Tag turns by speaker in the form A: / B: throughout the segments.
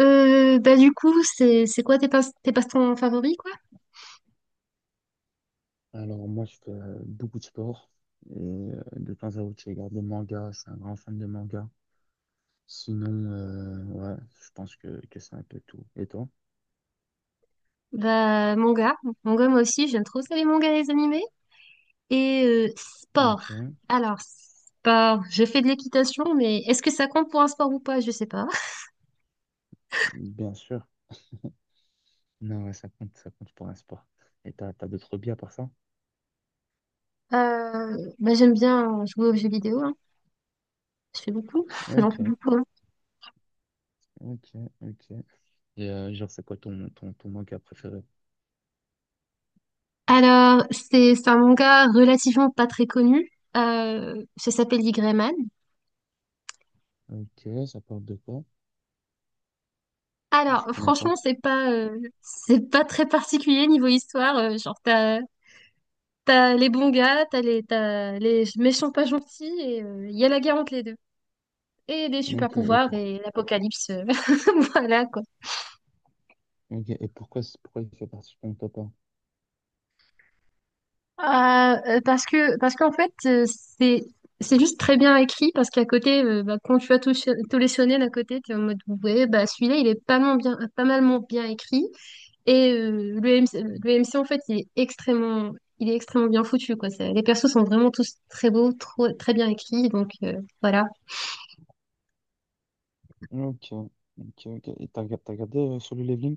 A: Bah du coup, c'est quoi tes passe-temps favoris quoi?
B: Alors moi, je fais beaucoup de sport et de temps à autre, je regarde des mangas. Je suis un grand fan de mangas. Sinon, ouais, je pense que c'est un peu tout. Et toi?
A: Bah manga moi aussi, j'aime trop ça les mangas les animés et sport.
B: Ok,
A: Alors sport, je fais de l'équitation mais est-ce que ça compte pour un sport ou pas? Je sais pas.
B: bien sûr. Non, ouais, ça compte pour un sport. Et t'as d'autres hobbies à part ça?
A: Bah j'aime bien jouer aux jeux vidéo hein. Je fais beaucoup, j'en fais
B: Ok,
A: beaucoup, hein.
B: ok, ok. Et genre, c'est quoi ton manga préféré?
A: Alors c'est un manga relativement pas très connu. Ça s'appelle Y Man.
B: Ok, ça parle de quoi? Je
A: Alors,
B: connais pas.
A: franchement, c'est pas très particulier niveau histoire. Genre, t'as les bons gars, t'as les méchants pas gentils, et il y a la guerre entre les deux. Et des super
B: Ok, et,
A: pouvoirs
B: pour...
A: et l'apocalypse. Voilà, quoi.
B: ok, et pourquoi, pourquoi il fait partie de ton top 1?
A: Parce qu'en fait, c'est, c'est juste très bien écrit, parce qu'à côté, bah, quand tu as tout, tout les shonen à côté, t'es en mode, ouais, bah, celui-là, il est pas mal bien, pas mal bien écrit. Et le MC, le MC, en fait, il est extrêmement bien foutu, quoi. Les persos sont vraiment tous très beaux, trop, très bien écrits, donc voilà.
B: Ok, ok, ok. Et t'as regardé Solo Leveling?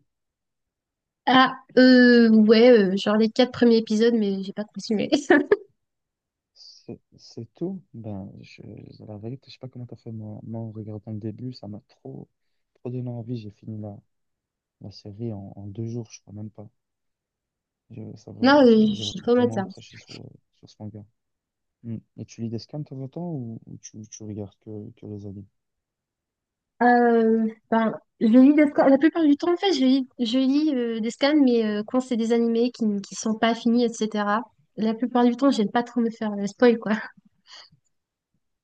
A: Ah, ouais, genre les quatre premiers épisodes, mais j'ai pas continué.
B: C'est tout. Ben, la vérité, je sais pas comment t'as fait. Moi, en regardant le début, ça m'a trop donné envie. J'ai fini la série en deux jours, je crois même pas.
A: Non,
B: J'ai
A: j'ai pas maté
B: vraiment
A: ça.
B: accroché sur ce manga. Mm. Et tu lis des scans de temps en temps ou tu regardes que les animes?
A: Ben, je lis des scans. La plupart du temps, en fait, je lis des scans, mais quand c'est des animés qui sont pas finis, etc. La plupart du temps, j'aime pas trop me faire spoil, quoi.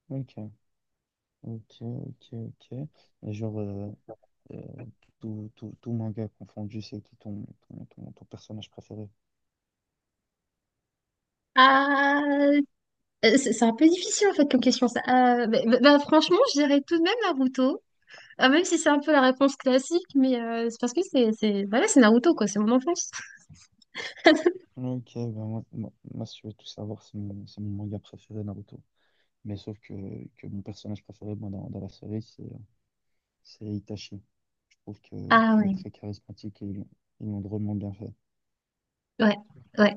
B: Ok, ok, ok, ok. Et genre, euh, tout manga confondu, c'est qui ton personnage préféré?
A: Ah, c'est un peu difficile, en fait, comme question, ça. Bah, franchement, je dirais tout de même Naruto. Ah, même si c'est un peu la réponse classique, mais c'est parce que voilà, c'est Naruto, quoi, c'est mon enfance.
B: Ok, ben moi, si tu veux tout savoir, c'est mon manga préféré, Naruto. Mais sauf que mon personnage préféré moi, dans la série, c'est Itachi. Je trouve que
A: Ah
B: qu'il est
A: ouais,
B: très charismatique et ils l'ont drôlement bien fait.
A: ouais, ouais.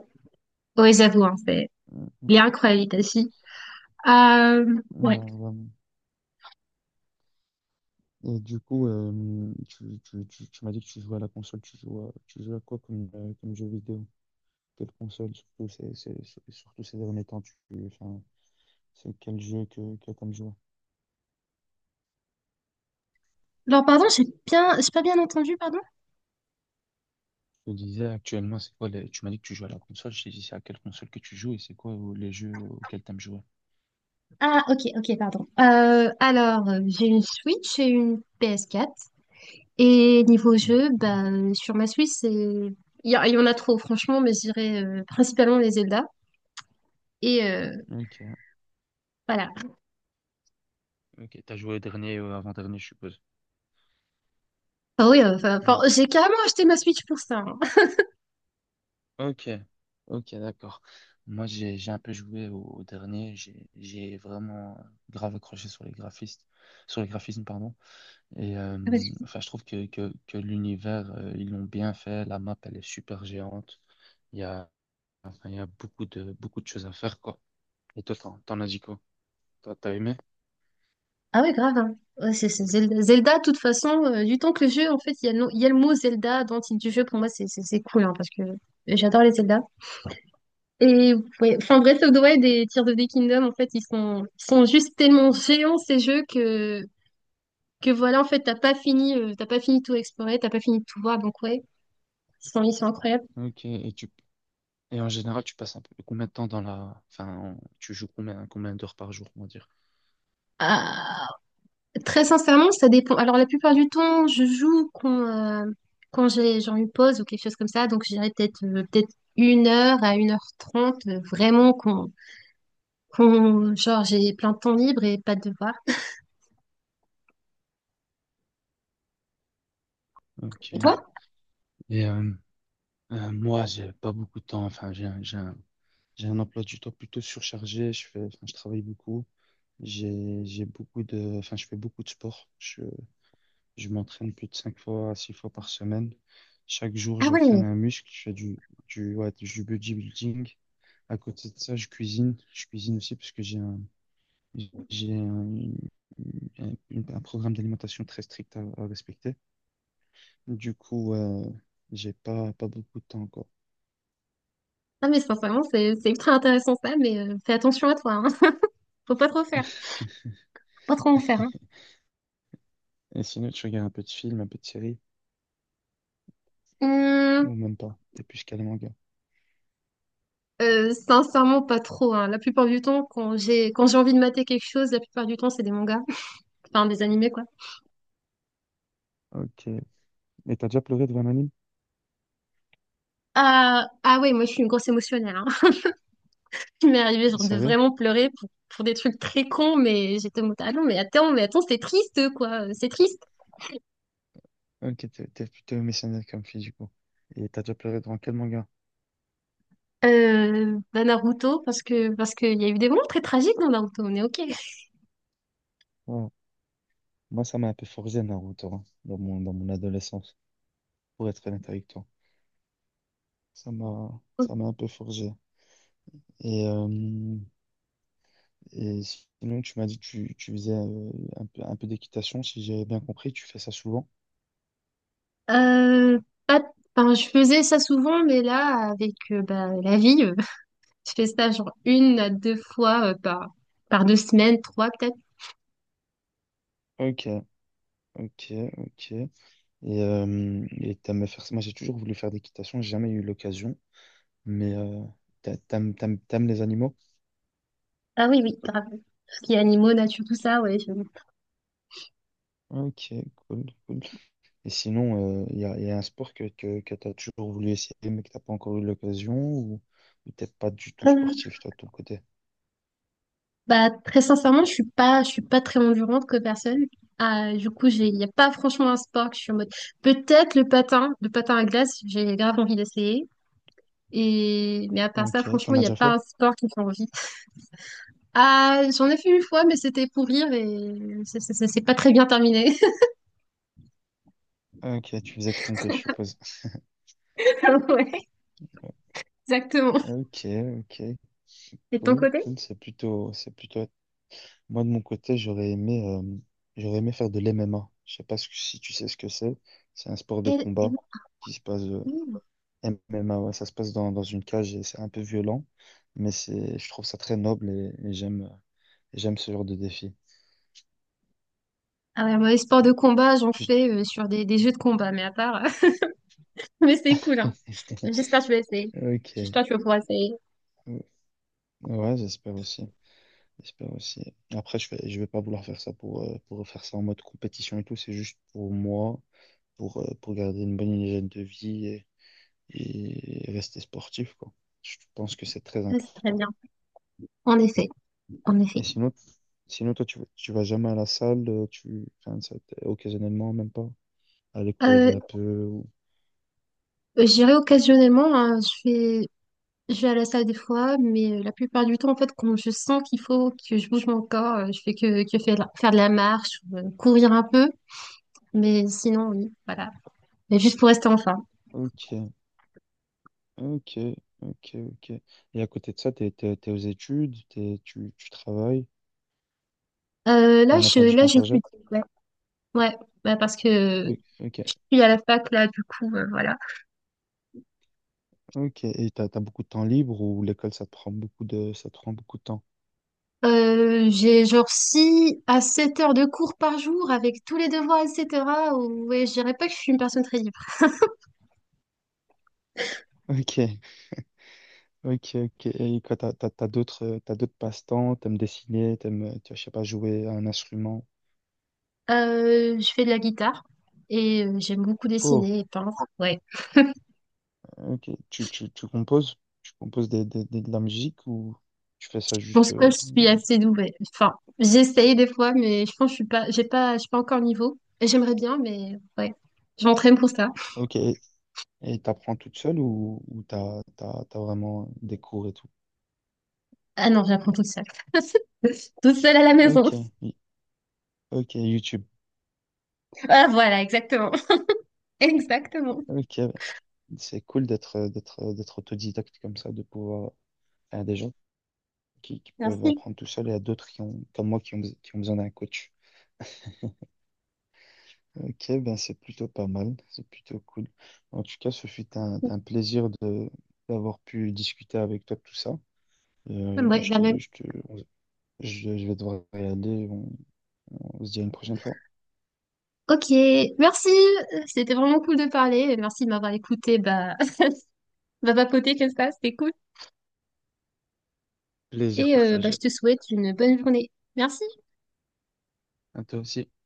A: Oui, j'avoue, hein, c'est.
B: Euh,
A: Il est incroyable, Itachi. Euh, ouais.
B: euh, Et du coup, tu m'as dit que tu jouais à la console, tu joues à quoi comme, comme jeu vidéo? Quelle console, surtout, surtout ces derniers temps, enfin, c'est quel jeu que comme joueur?
A: Alors pardon, j'ai pas bien entendu, pardon?
B: Je te disais actuellement, Tu m'as dit que tu joues à la console, je te dis c'est à quelle console que tu joues et c'est quoi les jeux auxquels tu aimes jouer.
A: Ah, ok, ok, pardon. Alors, j'ai une Switch et une PS4. Et niveau jeu,
B: Mhm.
A: bah, sur ma Switch, c'est. Il y en a trop, franchement, mais je dirais principalement les Zelda. Et
B: Ok.
A: voilà.
B: Ok, t'as joué au dernier ou avant-dernier, je suppose.
A: Ah oui, enfin,
B: Hmm,
A: j'ai carrément acheté ma Switch pour ça, hein.
B: ok, ok, d'accord. Moi, j'ai un peu joué au dernier. J'ai vraiment grave accroché sur les graphistes, sur les graphismes, pardon. Et enfin, je trouve que l'univers, ils l'ont bien fait. La map, elle est super géante. Il y a enfin, il y a beaucoup de choses à faire, quoi. Et toi, t'en as dit quoi? Toi, t'as aimé?
A: Ah ouais, grave, hein. Ouais, c'est Zelda. Zelda, de toute façon, du temps que le jeu, en fait, il y a le mot Zelda dans le titre du jeu, pour moi, c'est cool, hein, parce que j'adore les Zelda. Et ouais, enfin, Breath of the Wild et Tears of the Kingdom, en fait, ils sont juste tellement géants, ces jeux, que voilà, en fait, t'as pas fini de tout explorer, t'as pas fini de tout voir, donc ouais, ils sont incroyables.
B: Ok. Et tu et en général, tu passes un peu combien de temps dans enfin, tu joues combien d'heures par jour, on va dire?
A: Ah, Très sincèrement, ça dépend. Alors, la plupart du temps, je joue euh, quand j'ai genre une pause ou quelque chose comme ça. Donc, j'irai peut-être 1 heure à 1h30, vraiment quand genre j'ai plein de temps libre et pas de devoirs. Et
B: Ok.
A: toi?
B: Et euh, Moi, j'ai pas beaucoup de temps. Enfin, j'ai un emploi du temps plutôt surchargé. Enfin, je travaille beaucoup. Enfin, je fais beaucoup de sport. Je m'entraîne plus de cinq fois à six fois par semaine. Chaque jour,
A: Ah
B: j'entraîne
A: ouais.
B: un muscle. Je fais ouais, du bodybuilding. À côté de ça, je cuisine. Je cuisine aussi parce que j'ai un, un, un programme d'alimentation très strict à respecter. Du coup, j'ai pas beaucoup de temps, encore.
A: Ah mais sincèrement, c'est ultra intéressant ça. Mais fais attention à toi, hein. Faut pas trop faire, pas trop en faire, hein.
B: Et sinon, tu regardes un peu de film, un peu de série,
A: Hum,
B: ou même pas. T'es plus calé manga.
A: sincèrement, pas trop, hein. La plupart du temps, quand j'ai envie de mater quelque chose, la plupart du temps, c'est des mangas, enfin des animés quoi.
B: Ok. Et t'as déjà pleuré devant un anime?
A: Ah ah ouais, moi je suis une grosse émotionnelle. Il m'est arrivé genre de
B: Sérieux?
A: vraiment pleurer pour des trucs très cons, mais j'étais en mode, ah non, mais attends, c'est triste, quoi, c'est triste.
B: Ok, t'es plutôt missionnaire comme fille, du coup. Et t'as déjà pleuré devant quel manga?
A: Bah Naruto, parce qu'il y a eu des moments très tragiques dans Naruto, on est ok.
B: Oh. Moi, ça m'a un peu forgé Naruto, hein, dans mon adolescence, pour être honnête avec toi. Ça m'a un peu forgé. Et, euh, et sinon, tu m'as dit que tu faisais un peu d'équitation, si j'ai bien compris, tu fais ça souvent.
A: Euh, pas- enfin, je faisais ça souvent, mais là, avec bah, la vie, je fais ça genre une à deux fois par deux semaines, trois peut-être.
B: Ok, ok, ok. Et t'aimes faire ça. Moi, j'ai toujours voulu faire d'équitation, j'ai jamais eu l'occasion. Mais t'aimes les animaux?
A: Ah oui, oui, grave. Tout ce qui est animaux, nature, tout ça, ouais.
B: Ok, cool, cool. Et sinon, y a un sport que t'as toujours voulu essayer, mais que t'as pas encore eu l'occasion, ou t'es pas du tout
A: Euh,
B: sportif, toi, de ton côté?
A: Bah, très sincèrement, je suis pas très endurante comme personne. Ah, du coup, il n'y a pas franchement un sport que je suis en mode. Peut-être le patin à glace, j'ai grave envie d'essayer. Mais à part ça,
B: Ok,
A: franchement,
B: t'en
A: il
B: as
A: n'y a
B: déjà
A: pas
B: fait?
A: un sport qui me fait envie. Ah, j'en ai fait une fois, mais c'était pour rire et c'est pas très bien terminé.
B: Ok, tu faisais que ton je suppose.
A: Ouais, exactement.
B: Ok, ok,
A: Et de ton
B: cool,
A: côté?
B: cool. C'est plutôt Moi, de mon côté, j'aurais aimé faire de l'MMA. Je sais pas si tu sais ce que c'est. C'est un sport de
A: Elle-
B: combat
A: elle-
B: qui se passe,
A: Ouh.
B: MMA, ouais, ça se passe dans une cage et c'est un peu violent, mais je trouve ça très noble et j'aime ce genre de défi.
A: Ah ouais, moi, les sports de combat, j'en
B: Tu-
A: fais sur des jeux de combat, mais à part, mais c'est cool, hein. J'espère que tu vas essayer.
B: Ok.
A: J'espère que tu vas pouvoir essayer.
B: Ouais, j'espère aussi. J'espère aussi. Après, je vais pas vouloir faire ça pour faire ça en mode compétition et tout. C'est juste pour moi, pour garder une bonne hygiène de vie et rester sportif, quoi. Je pense que c'est très
A: Ouais, c'est très
B: important.
A: bien. En effet, en effet.
B: Et sinon toi, tu vas jamais à la salle, enfin, occasionnellement, même pas, aller
A: Euh,
B: courir un peu.
A: J'irai occasionnellement, hein, je vais à la salle des fois, mais la plupart du temps, en fait, quand je sens qu'il faut que je bouge mon corps, je fais que faire de la marche, ou, courir un peu, mais sinon, oui, voilà. Mais juste pour rester en forme.
B: Ok, ok, ok, ok. Et à côté de ça, t'es aux études, tu travailles, t'as
A: Là,
B: un emploi
A: je,
B: du
A: là,
B: temps
A: j'ai plus
B: chargé?
A: de- Ouais, ouais, bah parce que
B: Oui, ok,
A: je suis à la fac, là, du coup, voilà.
B: ok. Et t'as beaucoup de temps libre ou l'école, ça te prend beaucoup de temps?
A: J'ai genre 6 à 7 heures de cours par jour avec tous les devoirs, etc. Ouais, je dirais pas que je suis une personne très libre.
B: Ok. Ok, ok. Et quoi, t'as d'autres, passe-temps, t'aimes dessiner, tu vois, je sais pas, jouer à un instrument.
A: Je fais de la guitare et j'aime beaucoup
B: Oh,
A: dessiner et peindre. Ouais.
B: ok. Tu composes? Tu composes de la musique ou tu fais ça
A: Je
B: juste,
A: pense que je suis
B: juste...
A: assez douée. Enfin, j'essaye des fois, mais je pense que je suis pas, j'ai pas, je suis pas encore au niveau. Et j'aimerais bien, mais ouais. Je m'entraîne pour ça.
B: Ok. Et t'apprends toute seule ou t'as vraiment des cours et tout?
A: Ah non, j'apprends toute seule. Toute seule à la
B: Ok,
A: maison.
B: y- ok, YouTube.
A: Ah voilà, exactement. Exactement.
B: Ok, c'est cool d'être autodidacte comme ça, de pouvoir... Il y a des gens qui peuvent
A: Merci.
B: apprendre tout seul et il y a d'autres comme moi, qui ont besoin d'un coach. Ok, ben c'est plutôt pas mal, c'est plutôt cool. En tout cas, ce fut un plaisir de d'avoir pu discuter avec toi de tout ça. Euh,
A: Ouais,
B: je
A: la
B: te,
A: même.
B: je te- je vais devoir y aller, on se dit à une prochaine fois.
A: Ok, merci. C'était vraiment cool de parler. Merci de m'avoir écouté. Bah, on va papoter comme ça, c'était cool.
B: Plaisir
A: Et bah, je
B: partagé.
A: te souhaite une bonne journée. Merci.
B: À toi aussi.